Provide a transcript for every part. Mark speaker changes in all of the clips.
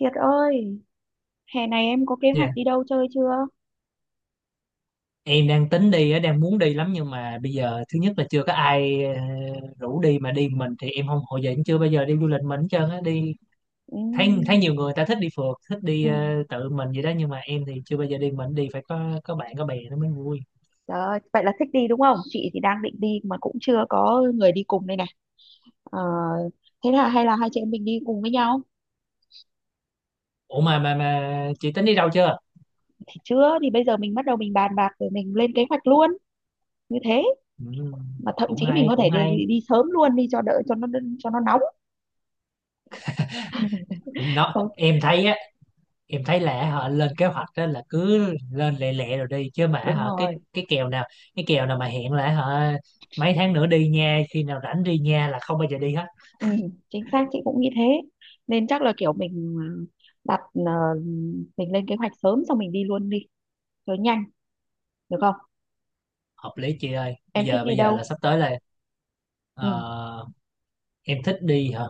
Speaker 1: Kiệt ơi, hè này em có kế hoạch
Speaker 2: Dạ,
Speaker 1: đi đâu chơi chưa?
Speaker 2: em đang tính đi, á, đang muốn đi lắm nhưng mà bây giờ thứ nhất là chưa có ai, rủ đi mà đi mình thì em không, hồi giờ em chưa bao giờ đi du lịch mình hết trơn á, đi thấy thấy
Speaker 1: Ừ,
Speaker 2: nhiều người ta thích đi phượt, thích đi
Speaker 1: ừm,
Speaker 2: tự mình vậy đó, nhưng mà em thì chưa bao giờ đi mình, đi phải có bạn có bè nó mới vui.
Speaker 1: Trời ơi, vậy là thích đi đúng không? Chị thì đang định đi mà cũng chưa có người đi cùng đây này. Ờ, Thế là hay là hai chị em mình đi cùng với nhau?
Speaker 2: Ủa mà chị tính đi đâu chưa?
Speaker 1: Thì chưa, thì bây giờ mình bắt đầu mình bàn bạc rồi mình lên kế hoạch luôn. Như thế,
Speaker 2: Ừ,
Speaker 1: mà thậm
Speaker 2: cũng
Speaker 1: chí mình
Speaker 2: hay
Speaker 1: có
Speaker 2: cũng
Speaker 1: thể đi,
Speaker 2: hay.
Speaker 1: đi sớm luôn đi cho đỡ cho nó nóng. Không,
Speaker 2: Em thấy á, em thấy là họ lên kế hoạch đó là cứ lên lẹ lẹ rồi đi, chứ mà
Speaker 1: đúng
Speaker 2: họ cái
Speaker 1: rồi.
Speaker 2: cái kèo nào cái kèo nào mà hẹn là họ mấy tháng nữa đi nha, khi nào rảnh đi nha, là không bao giờ đi hết.
Speaker 1: Ừ, chính xác chị cũng nghĩ thế. Nên chắc là kiểu mình đặt ờ, mình lên kế hoạch sớm xong mình đi luôn đi cho nhanh được không?
Speaker 2: Hợp lý chị ơi, bây
Speaker 1: Em thích
Speaker 2: giờ
Speaker 1: đi đâu?
Speaker 2: là sắp tới là,
Speaker 1: Ừ,
Speaker 2: ờ, em thích đi hả?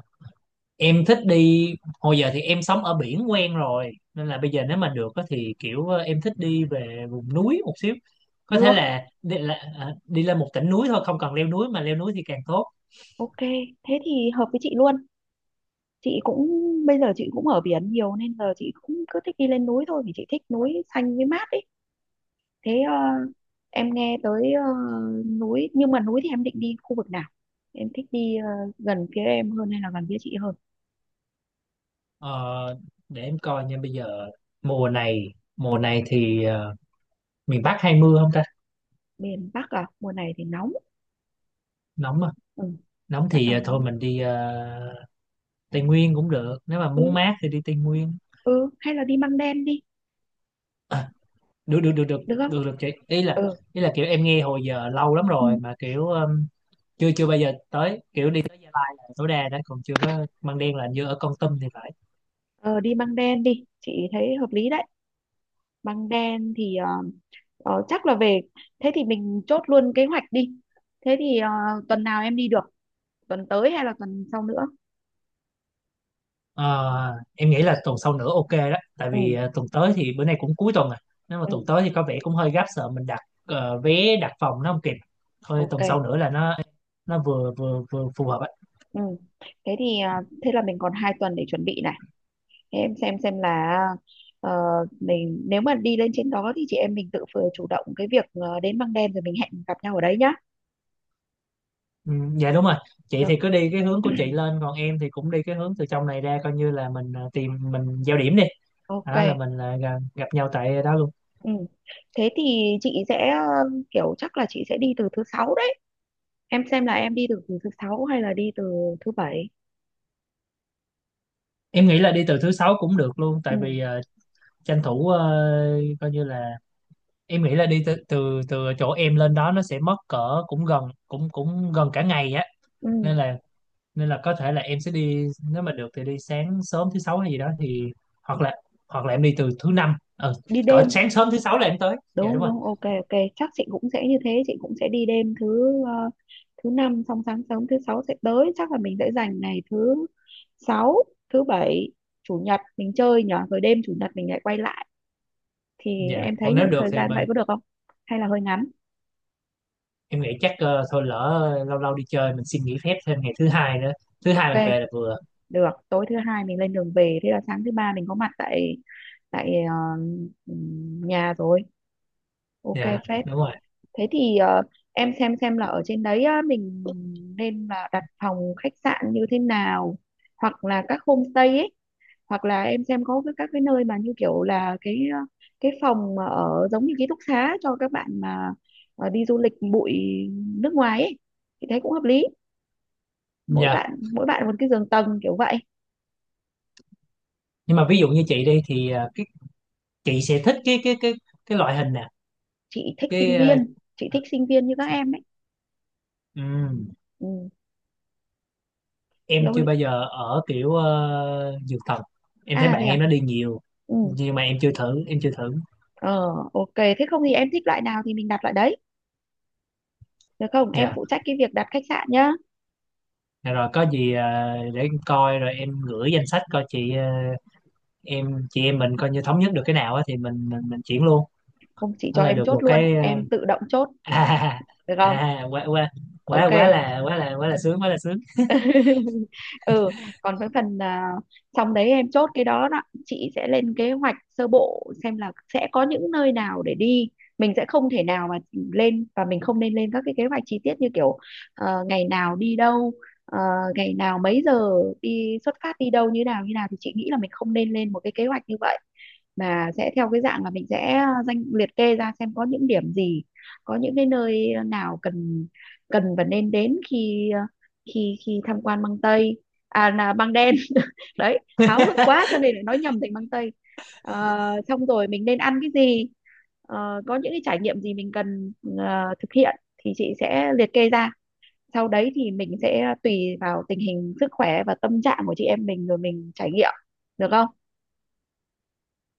Speaker 2: Em thích đi. Hồi giờ thì em sống ở biển quen rồi, nên là bây giờ nếu mà được á thì kiểu em thích đi về vùng núi một xíu. Có thể
Speaker 1: được.
Speaker 2: là đi lên một tỉnh núi thôi, không cần leo núi, mà leo núi thì càng tốt.
Speaker 1: Ok, thế thì hợp với chị luôn. Chị cũng, bây giờ chị cũng ở biển nhiều nên giờ chị cũng cứ thích đi lên núi thôi vì chị thích núi xanh với mát ấy. Thế em nghe tới núi, nhưng mà núi thì em định đi khu vực nào? Em thích đi gần phía em hơn hay là gần phía chị hơn?
Speaker 2: Ờ, để em coi nha. Bây giờ mùa này thì miền Bắc hay mưa không ta?
Speaker 1: Miền Bắc à? Mùa này thì nóng.
Speaker 2: Nóng à?
Speaker 1: Ừ,
Speaker 2: Nóng
Speaker 1: bắt
Speaker 2: thì
Speaker 1: đầu
Speaker 2: thôi
Speaker 1: nóng.
Speaker 2: mình đi Tây Nguyên cũng được, nếu mà
Speaker 1: Ừ,
Speaker 2: muốn mát thì đi Tây Nguyên.
Speaker 1: ừ, hay là đi Măng Đen đi,
Speaker 2: à, được, được, được, được,
Speaker 1: được không?
Speaker 2: được, được, chị ý là,
Speaker 1: Ừ,
Speaker 2: kiểu em nghe hồi giờ lâu lắm
Speaker 1: ừ.
Speaker 2: rồi mà kiểu, chưa chưa bao giờ tới, kiểu đi tới Gia Lai là tối đa đó, còn chưa có Măng Đen, là hình như ở Kon Tum thì phải.
Speaker 1: Ờ Đi Măng Đen đi, chị thấy hợp lý đấy. Băng đen thì chắc là về. Thế thì mình chốt luôn kế hoạch đi. Thế thì tuần nào em đi được? Tuần tới hay là tuần sau nữa?
Speaker 2: Ờ, em nghĩ là tuần sau nữa ok đó, tại
Speaker 1: Ừ,
Speaker 2: vì tuần tới thì bữa nay cũng cuối tuần rồi, nếu mà
Speaker 1: ừ,
Speaker 2: tuần tới thì có vẻ cũng hơi gấp, sợ mình đặt vé, đặt phòng nó không kịp, thôi tuần
Speaker 1: ok.
Speaker 2: sau nữa là nó vừa vừa vừa phù hợp ấy.
Speaker 1: Ừ. Thế thì thế là mình còn hai tuần để chuẩn bị này. Thế em xem là ờ, mình nếu mà đi lên trên đó thì chị em mình tự vừa chủ động cái việc đến Băng đen rồi mình hẹn gặp nhau ở đấy nhá.
Speaker 2: Ừ, dạ đúng rồi, chị
Speaker 1: Được.
Speaker 2: thì cứ đi cái hướng của chị lên, còn em thì cũng đi cái hướng từ trong này ra, coi như là mình tìm mình giao điểm đi, đó là
Speaker 1: Ok.
Speaker 2: mình là gặp, gặp nhau tại đó luôn.
Speaker 1: Ừ. Thế thì chị sẽ kiểu chắc là chị sẽ đi từ thứ sáu đấy. Em xem là em đi từ thứ sáu hay là đi từ thứ bảy?
Speaker 2: Em nghĩ là đi từ thứ sáu cũng được luôn,
Speaker 1: Ừ,
Speaker 2: tại vì tranh thủ, coi như là, em nghĩ là đi từ từ từ chỗ em lên đó nó sẽ mất cỡ cũng gần cả ngày á,
Speaker 1: ừ,
Speaker 2: nên là nên là có thể là em sẽ đi, nếu mà được thì đi sáng sớm thứ sáu hay gì đó, thì hoặc là hoặc là em đi từ thứ năm,
Speaker 1: đi
Speaker 2: cỡ
Speaker 1: đêm.
Speaker 2: sáng sớm thứ sáu là em tới, dạ đúng
Speaker 1: Đúng,
Speaker 2: rồi.
Speaker 1: đúng, ok, ok, chắc chị cũng sẽ như thế. Chị cũng sẽ đi đêm thứ thứ năm xong sáng sớm thứ sáu sẽ tới. Chắc là mình sẽ dành ngày thứ sáu, thứ bảy, chủ nhật mình chơi nhở, rồi đêm chủ nhật mình lại quay lại. Thì
Speaker 2: Dạ,
Speaker 1: em thấy
Speaker 2: còn nếu
Speaker 1: nhiều
Speaker 2: được
Speaker 1: thời
Speaker 2: thì
Speaker 1: gian vậy
Speaker 2: mà,
Speaker 1: có được không hay là hơi ngắn?
Speaker 2: em nghĩ chắc, thôi lỡ lâu lâu đi chơi mình xin nghỉ phép thêm ngày thứ hai nữa, thứ hai mình
Speaker 1: Ok,
Speaker 2: về là vừa.
Speaker 1: được. Tối thứ hai mình lên đường về, thế là sáng thứ ba mình có mặt tại tại ờ, nhà rồi. Ok,
Speaker 2: Dạ
Speaker 1: phết.
Speaker 2: đúng rồi.
Speaker 1: Thế thì em xem là ở trên đấy á, mình nên là đặt phòng khách sạn như thế nào, hoặc là các homestay ấy, hoặc là em xem có các cái nơi mà như kiểu là cái cái phòng mà ở giống như ký túc xá cho các bạn mà đi du lịch bụi nước ngoài ấy, thì thấy cũng hợp lý. mỗi
Speaker 2: Dạ.
Speaker 1: bạn mỗi bạn một cái giường tầng kiểu vậy.
Speaker 2: Nhưng mà ví dụ như chị đi thì cái chị sẽ thích cái loại hình nè.
Speaker 1: chị thích sinh
Speaker 2: cái ờ,
Speaker 1: viên chị thích sinh viên như các em ấy.
Speaker 2: ừ.
Speaker 1: Ừ.
Speaker 2: Em chưa
Speaker 1: Lâu.
Speaker 2: bao giờ ở kiểu dược thần. Em thấy
Speaker 1: À
Speaker 2: bạn
Speaker 1: thế à?
Speaker 2: em nó đi nhiều,
Speaker 1: Ừ.
Speaker 2: nhưng mà em chưa thử, em chưa thử.
Speaker 1: ờ ok, thế không thì em thích loại nào thì mình đặt loại đấy. Được không? Em
Speaker 2: Dạ.
Speaker 1: phụ trách cái việc đặt khách sạn nhá.
Speaker 2: Dạ rồi, có gì để em coi rồi em gửi danh sách coi, chị chị em mình coi, như thống nhất được cái nào á thì mình, chuyển luôn,
Speaker 1: Không, chị
Speaker 2: đó
Speaker 1: cho
Speaker 2: là
Speaker 1: em
Speaker 2: được
Speaker 1: chốt
Speaker 2: một
Speaker 1: luôn,
Speaker 2: cái
Speaker 1: em tự động chốt,
Speaker 2: à,
Speaker 1: được không?
Speaker 2: à quá quá, quá
Speaker 1: Ok.
Speaker 2: quá là quá, là quá, là sướng, quá là sướng.
Speaker 1: Ừ, còn với phần xong đấy em chốt cái đó đó, chị sẽ lên kế hoạch sơ bộ xem là sẽ có những nơi nào để đi. Mình sẽ không thể nào mà lên, và mình không nên lên các cái kế hoạch chi tiết như kiểu ngày nào đi đâu, ờ, ngày nào mấy giờ đi xuất phát đi đâu như nào như nào, thì chị nghĩ là mình không nên lên một cái kế hoạch như vậy. Mà sẽ theo cái dạng là mình sẽ danh liệt kê ra xem có những điểm gì, có những cái nơi nào cần cần và nên đến khi ờ, khi khi tham quan băng tây. À, là băng đen. Đấy, háo hức quá cho nên lại nói nhầm thành băng tây. Ờ, Xong rồi mình nên ăn cái gì. Có những cái trải nghiệm gì mình cần thực hiện thì chị sẽ liệt kê ra, sau đấy thì mình sẽ tùy vào tình hình sức khỏe và tâm trạng của chị em mình rồi mình trải nghiệm. Được không?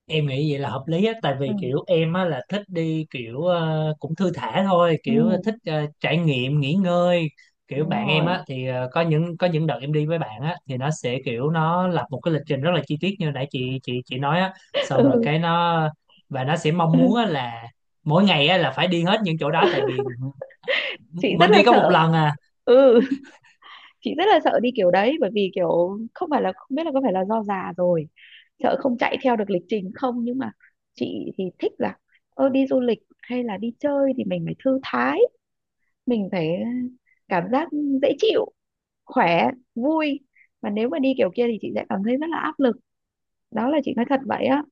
Speaker 2: Em nghĩ vậy là hợp lý á, tại
Speaker 1: Ừ,
Speaker 2: vì kiểu em á là thích đi kiểu cũng thư thả thôi,
Speaker 1: ừ,
Speaker 2: kiểu thích trải nghiệm, nghỉ ngơi, kiểu
Speaker 1: đúng
Speaker 2: bạn em
Speaker 1: rồi.
Speaker 2: á thì có những đợt em đi với bạn á thì nó sẽ kiểu, nó lập một cái lịch trình rất là chi tiết như nãy chị nói á, xong rồi
Speaker 1: Ừ.
Speaker 2: cái nó, và nó sẽ mong muốn á là mỗi ngày á là phải đi hết những chỗ đó, tại vì
Speaker 1: Chị
Speaker 2: mình
Speaker 1: rất là
Speaker 2: đi có một
Speaker 1: sợ.
Speaker 2: lần à.
Speaker 1: Ừ. Chị rất là sợ đi kiểu đấy, bởi vì kiểu không phải, là không biết là có phải là do già rồi sợ không chạy theo được lịch trình không, nhưng mà chị thì thích là đi du lịch hay là đi chơi thì mình phải thư thái, mình phải cảm giác dễ chịu, khỏe, vui. Mà nếu mà đi kiểu kia thì chị sẽ cảm thấy rất là áp lực. Đó là chị nói thật vậy á.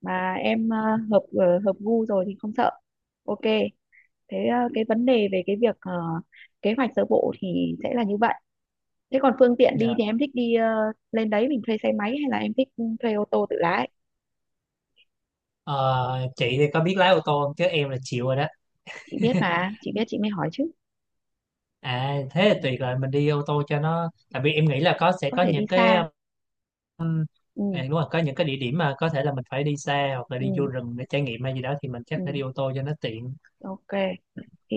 Speaker 1: Mà em hợp gu rồi thì không sợ. Ok. Thế cái vấn đề về cái việc kế hoạch sơ bộ thì sẽ là như vậy. Thế còn phương tiện đi
Speaker 2: Dạ.
Speaker 1: thì em thích đi lên đấy mình thuê xe máy hay là em thích thuê ô tô tự lái?
Speaker 2: Ờ, chị thì có biết lái ô tô không chứ em là chịu rồi đó.
Speaker 1: Chị biết mà, chị biết, chị mới hỏi chứ.
Speaker 2: À
Speaker 1: Ừ,
Speaker 2: thế là tuyệt rồi, mình đi ô tô cho nó tại vì em nghĩ là sẽ
Speaker 1: có
Speaker 2: có
Speaker 1: thể đi
Speaker 2: những cái,
Speaker 1: xa.
Speaker 2: à,
Speaker 1: Ừ,
Speaker 2: đúng rồi, có những cái địa điểm mà có thể là mình phải đi xa hoặc là đi vô
Speaker 1: ừ,
Speaker 2: rừng để trải nghiệm hay gì đó, thì mình chắc phải
Speaker 1: ừ,
Speaker 2: đi ô tô cho nó tiện.
Speaker 1: ok. Thì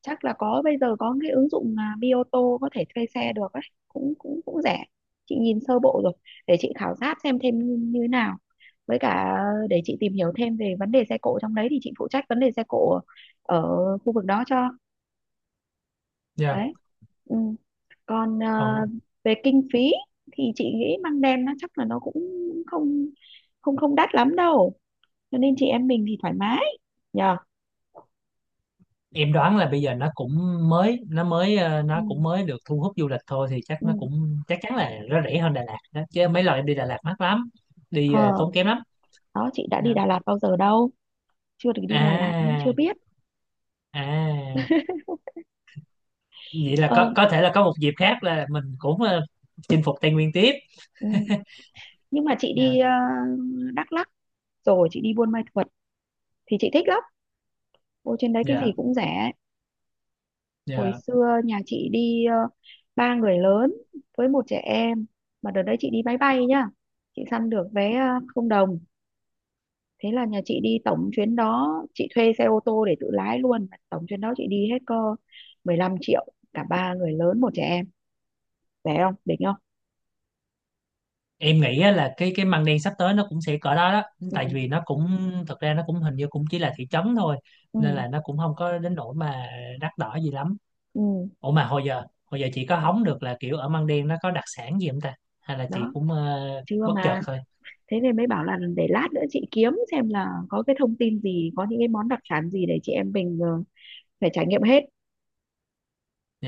Speaker 1: chắc là có, bây giờ có cái ứng dụng mà Bioto có thể thuê xe được ấy, cũng cũng cũng rẻ. Chị nhìn sơ bộ rồi, để chị khảo sát xem thêm như thế nào, với cả để chị tìm hiểu thêm về vấn đề xe cộ trong đấy, thì chị phụ trách vấn đề xe cộ ở khu vực đó cho.
Speaker 2: Dạ.
Speaker 1: Đấy. Ừ. Còn
Speaker 2: Còn
Speaker 1: về kinh phí thì chị nghĩ măng đen nó chắc là nó cũng không không không đắt lắm đâu, cho nên chị em mình thì thoải mái nhờ.
Speaker 2: em đoán là bây giờ nó cũng mới, nó mới ờ,
Speaker 1: Ừ.
Speaker 2: nó cũng mới được thu hút du lịch thôi, thì chắc
Speaker 1: Ừ.
Speaker 2: nó cũng, chắc chắn là nó rẻ hơn Đà Lạt đó. Chứ mấy lần em đi Đà Lạt mắc lắm, đi
Speaker 1: ờ
Speaker 2: tốn kém lắm.
Speaker 1: Đó, chị đã đi
Speaker 2: Dạ.
Speaker 1: Đà Lạt bao giờ đâu, chưa được đi Đà Lạt nên chưa
Speaker 2: À,
Speaker 1: biết.
Speaker 2: à, vậy là
Speaker 1: ờ
Speaker 2: có thể là có một dịp khác là mình cũng chinh phục Tây Nguyên tiếp.
Speaker 1: ừ. Nhưng mà chị
Speaker 2: Dạ,
Speaker 1: đi Đắk Lắk, rồi chị đi Buôn Ma Thuột thì chị thích lắm. Ôi, trên đấy cái gì
Speaker 2: dạ,
Speaker 1: cũng rẻ. Hồi
Speaker 2: dạ.
Speaker 1: xưa nhà chị đi ba người lớn với một trẻ em, mà đợt đấy chị đi máy bay nhá, chị săn được vé không đồng. Thế là nhà chị đi, tổng chuyến đó chị thuê xe ô tô để tự lái luôn, tổng chuyến đó chị đi hết cơ 15 triệu, cả ba người lớn một trẻ em. Rẻ không? Đỉnh không?
Speaker 2: Em nghĩ á là cái măng đen sắp tới nó cũng sẽ cỡ đó đó,
Speaker 1: Ừ,
Speaker 2: tại vì nó cũng, thực ra nó cũng hình như cũng chỉ là thị trấn thôi, nên
Speaker 1: ừ,
Speaker 2: là nó cũng không có đến nỗi mà đắt đỏ gì lắm.
Speaker 1: ừ.
Speaker 2: Ủa mà hồi giờ, hồi giờ chị có hóng được là kiểu ở măng đen nó có đặc sản gì không ta, hay là chị
Speaker 1: Đó.
Speaker 2: cũng
Speaker 1: Chưa
Speaker 2: bất chợt
Speaker 1: mà,
Speaker 2: thôi?
Speaker 1: thế nên mới bảo là để lát nữa chị kiếm xem là có cái thông tin gì, có những cái món đặc sản gì để chị em mình phải trải nghiệm hết.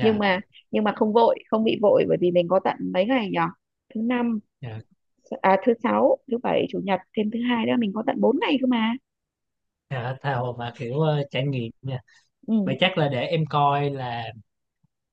Speaker 1: Nhưng mà, không vội, không bị vội, bởi vì mình có tận mấy ngày nhỉ? Thứ năm,
Speaker 2: Dạ,
Speaker 1: à, thứ sáu, thứ bảy, chủ nhật, thêm thứ hai nữa, mình có tận 4 ngày cơ mà.
Speaker 2: dạ, tha hồ mà kiểu trải nghiệm nha.
Speaker 1: Ừ,
Speaker 2: Vậy chắc là để em coi là,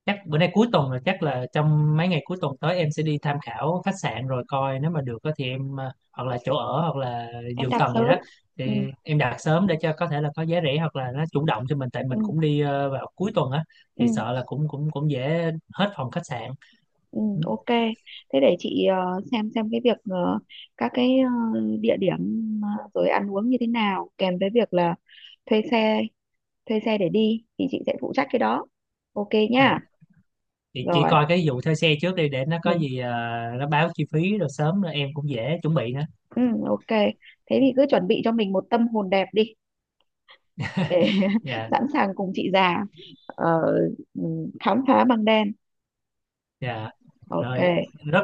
Speaker 2: chắc bữa nay cuối tuần rồi, chắc là trong mấy ngày cuối tuần tới em sẽ đi tham khảo khách sạn rồi coi, nếu mà được á thì em, hoặc là chỗ ở hoặc là
Speaker 1: em
Speaker 2: giường
Speaker 1: đặt
Speaker 2: tầng gì
Speaker 1: sớm.
Speaker 2: đó
Speaker 1: Ừ,
Speaker 2: thì em đặt sớm, để cho có thể là có giá rẻ, hoặc là nó chủ động cho mình, tại mình
Speaker 1: ừ,
Speaker 2: cũng đi vào cuối tuần á
Speaker 1: ừ,
Speaker 2: thì sợ là cũng cũng cũng dễ hết phòng khách sạn.
Speaker 1: ừ,
Speaker 2: Ừ.
Speaker 1: ok. Thế để chị xem cái việc các cái địa điểm, rồi ăn uống như thế nào, kèm với việc là thuê xe thuê xe để đi thì chị sẽ phụ trách cái đó. Ok
Speaker 2: À
Speaker 1: nhá.
Speaker 2: thì chỉ
Speaker 1: Rồi.
Speaker 2: coi cái vụ thuê xe trước đi, để nó có
Speaker 1: Ừ,
Speaker 2: gì nó báo chi phí rồi sớm, rồi em cũng dễ chuẩn bị nữa.
Speaker 1: ừ, ok. Thế thì cứ chuẩn bị cho mình một tâm hồn đẹp đi để
Speaker 2: Dạ.
Speaker 1: sẵn sàng cùng chị già ờ, ừ, khám phá băng đen.
Speaker 2: Dạ
Speaker 1: Ok.
Speaker 2: rồi. Rất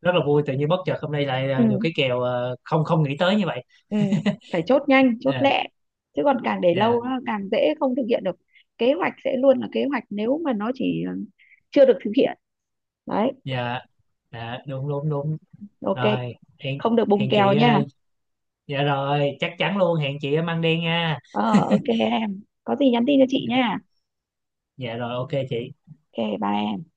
Speaker 2: rất là vui, tự nhiên bất chợt hôm nay lại
Speaker 1: Ừ,
Speaker 2: được cái kèo, không không nghĩ tới như vậy.
Speaker 1: ừ, phải chốt nhanh chốt
Speaker 2: Ờ,
Speaker 1: lẹ, chứ còn càng để
Speaker 2: dạ,
Speaker 1: lâu á, càng dễ không thực hiện được. Kế hoạch sẽ luôn là kế hoạch nếu mà nó chỉ chưa được thực hiện. Đấy.
Speaker 2: dạ, dạ, đúng, đúng, đúng
Speaker 1: Ok.
Speaker 2: rồi. Hẹn,
Speaker 1: Không được bùng
Speaker 2: hẹn
Speaker 1: kèo
Speaker 2: chị,
Speaker 1: nha.
Speaker 2: dạ rồi chắc chắn luôn, hẹn chị ở Măng Đen nha.
Speaker 1: Ờ ok, em có gì nhắn tin cho chị
Speaker 2: Dạ,
Speaker 1: nha.
Speaker 2: dạ rồi, ok chị.
Speaker 1: Ok, bye em.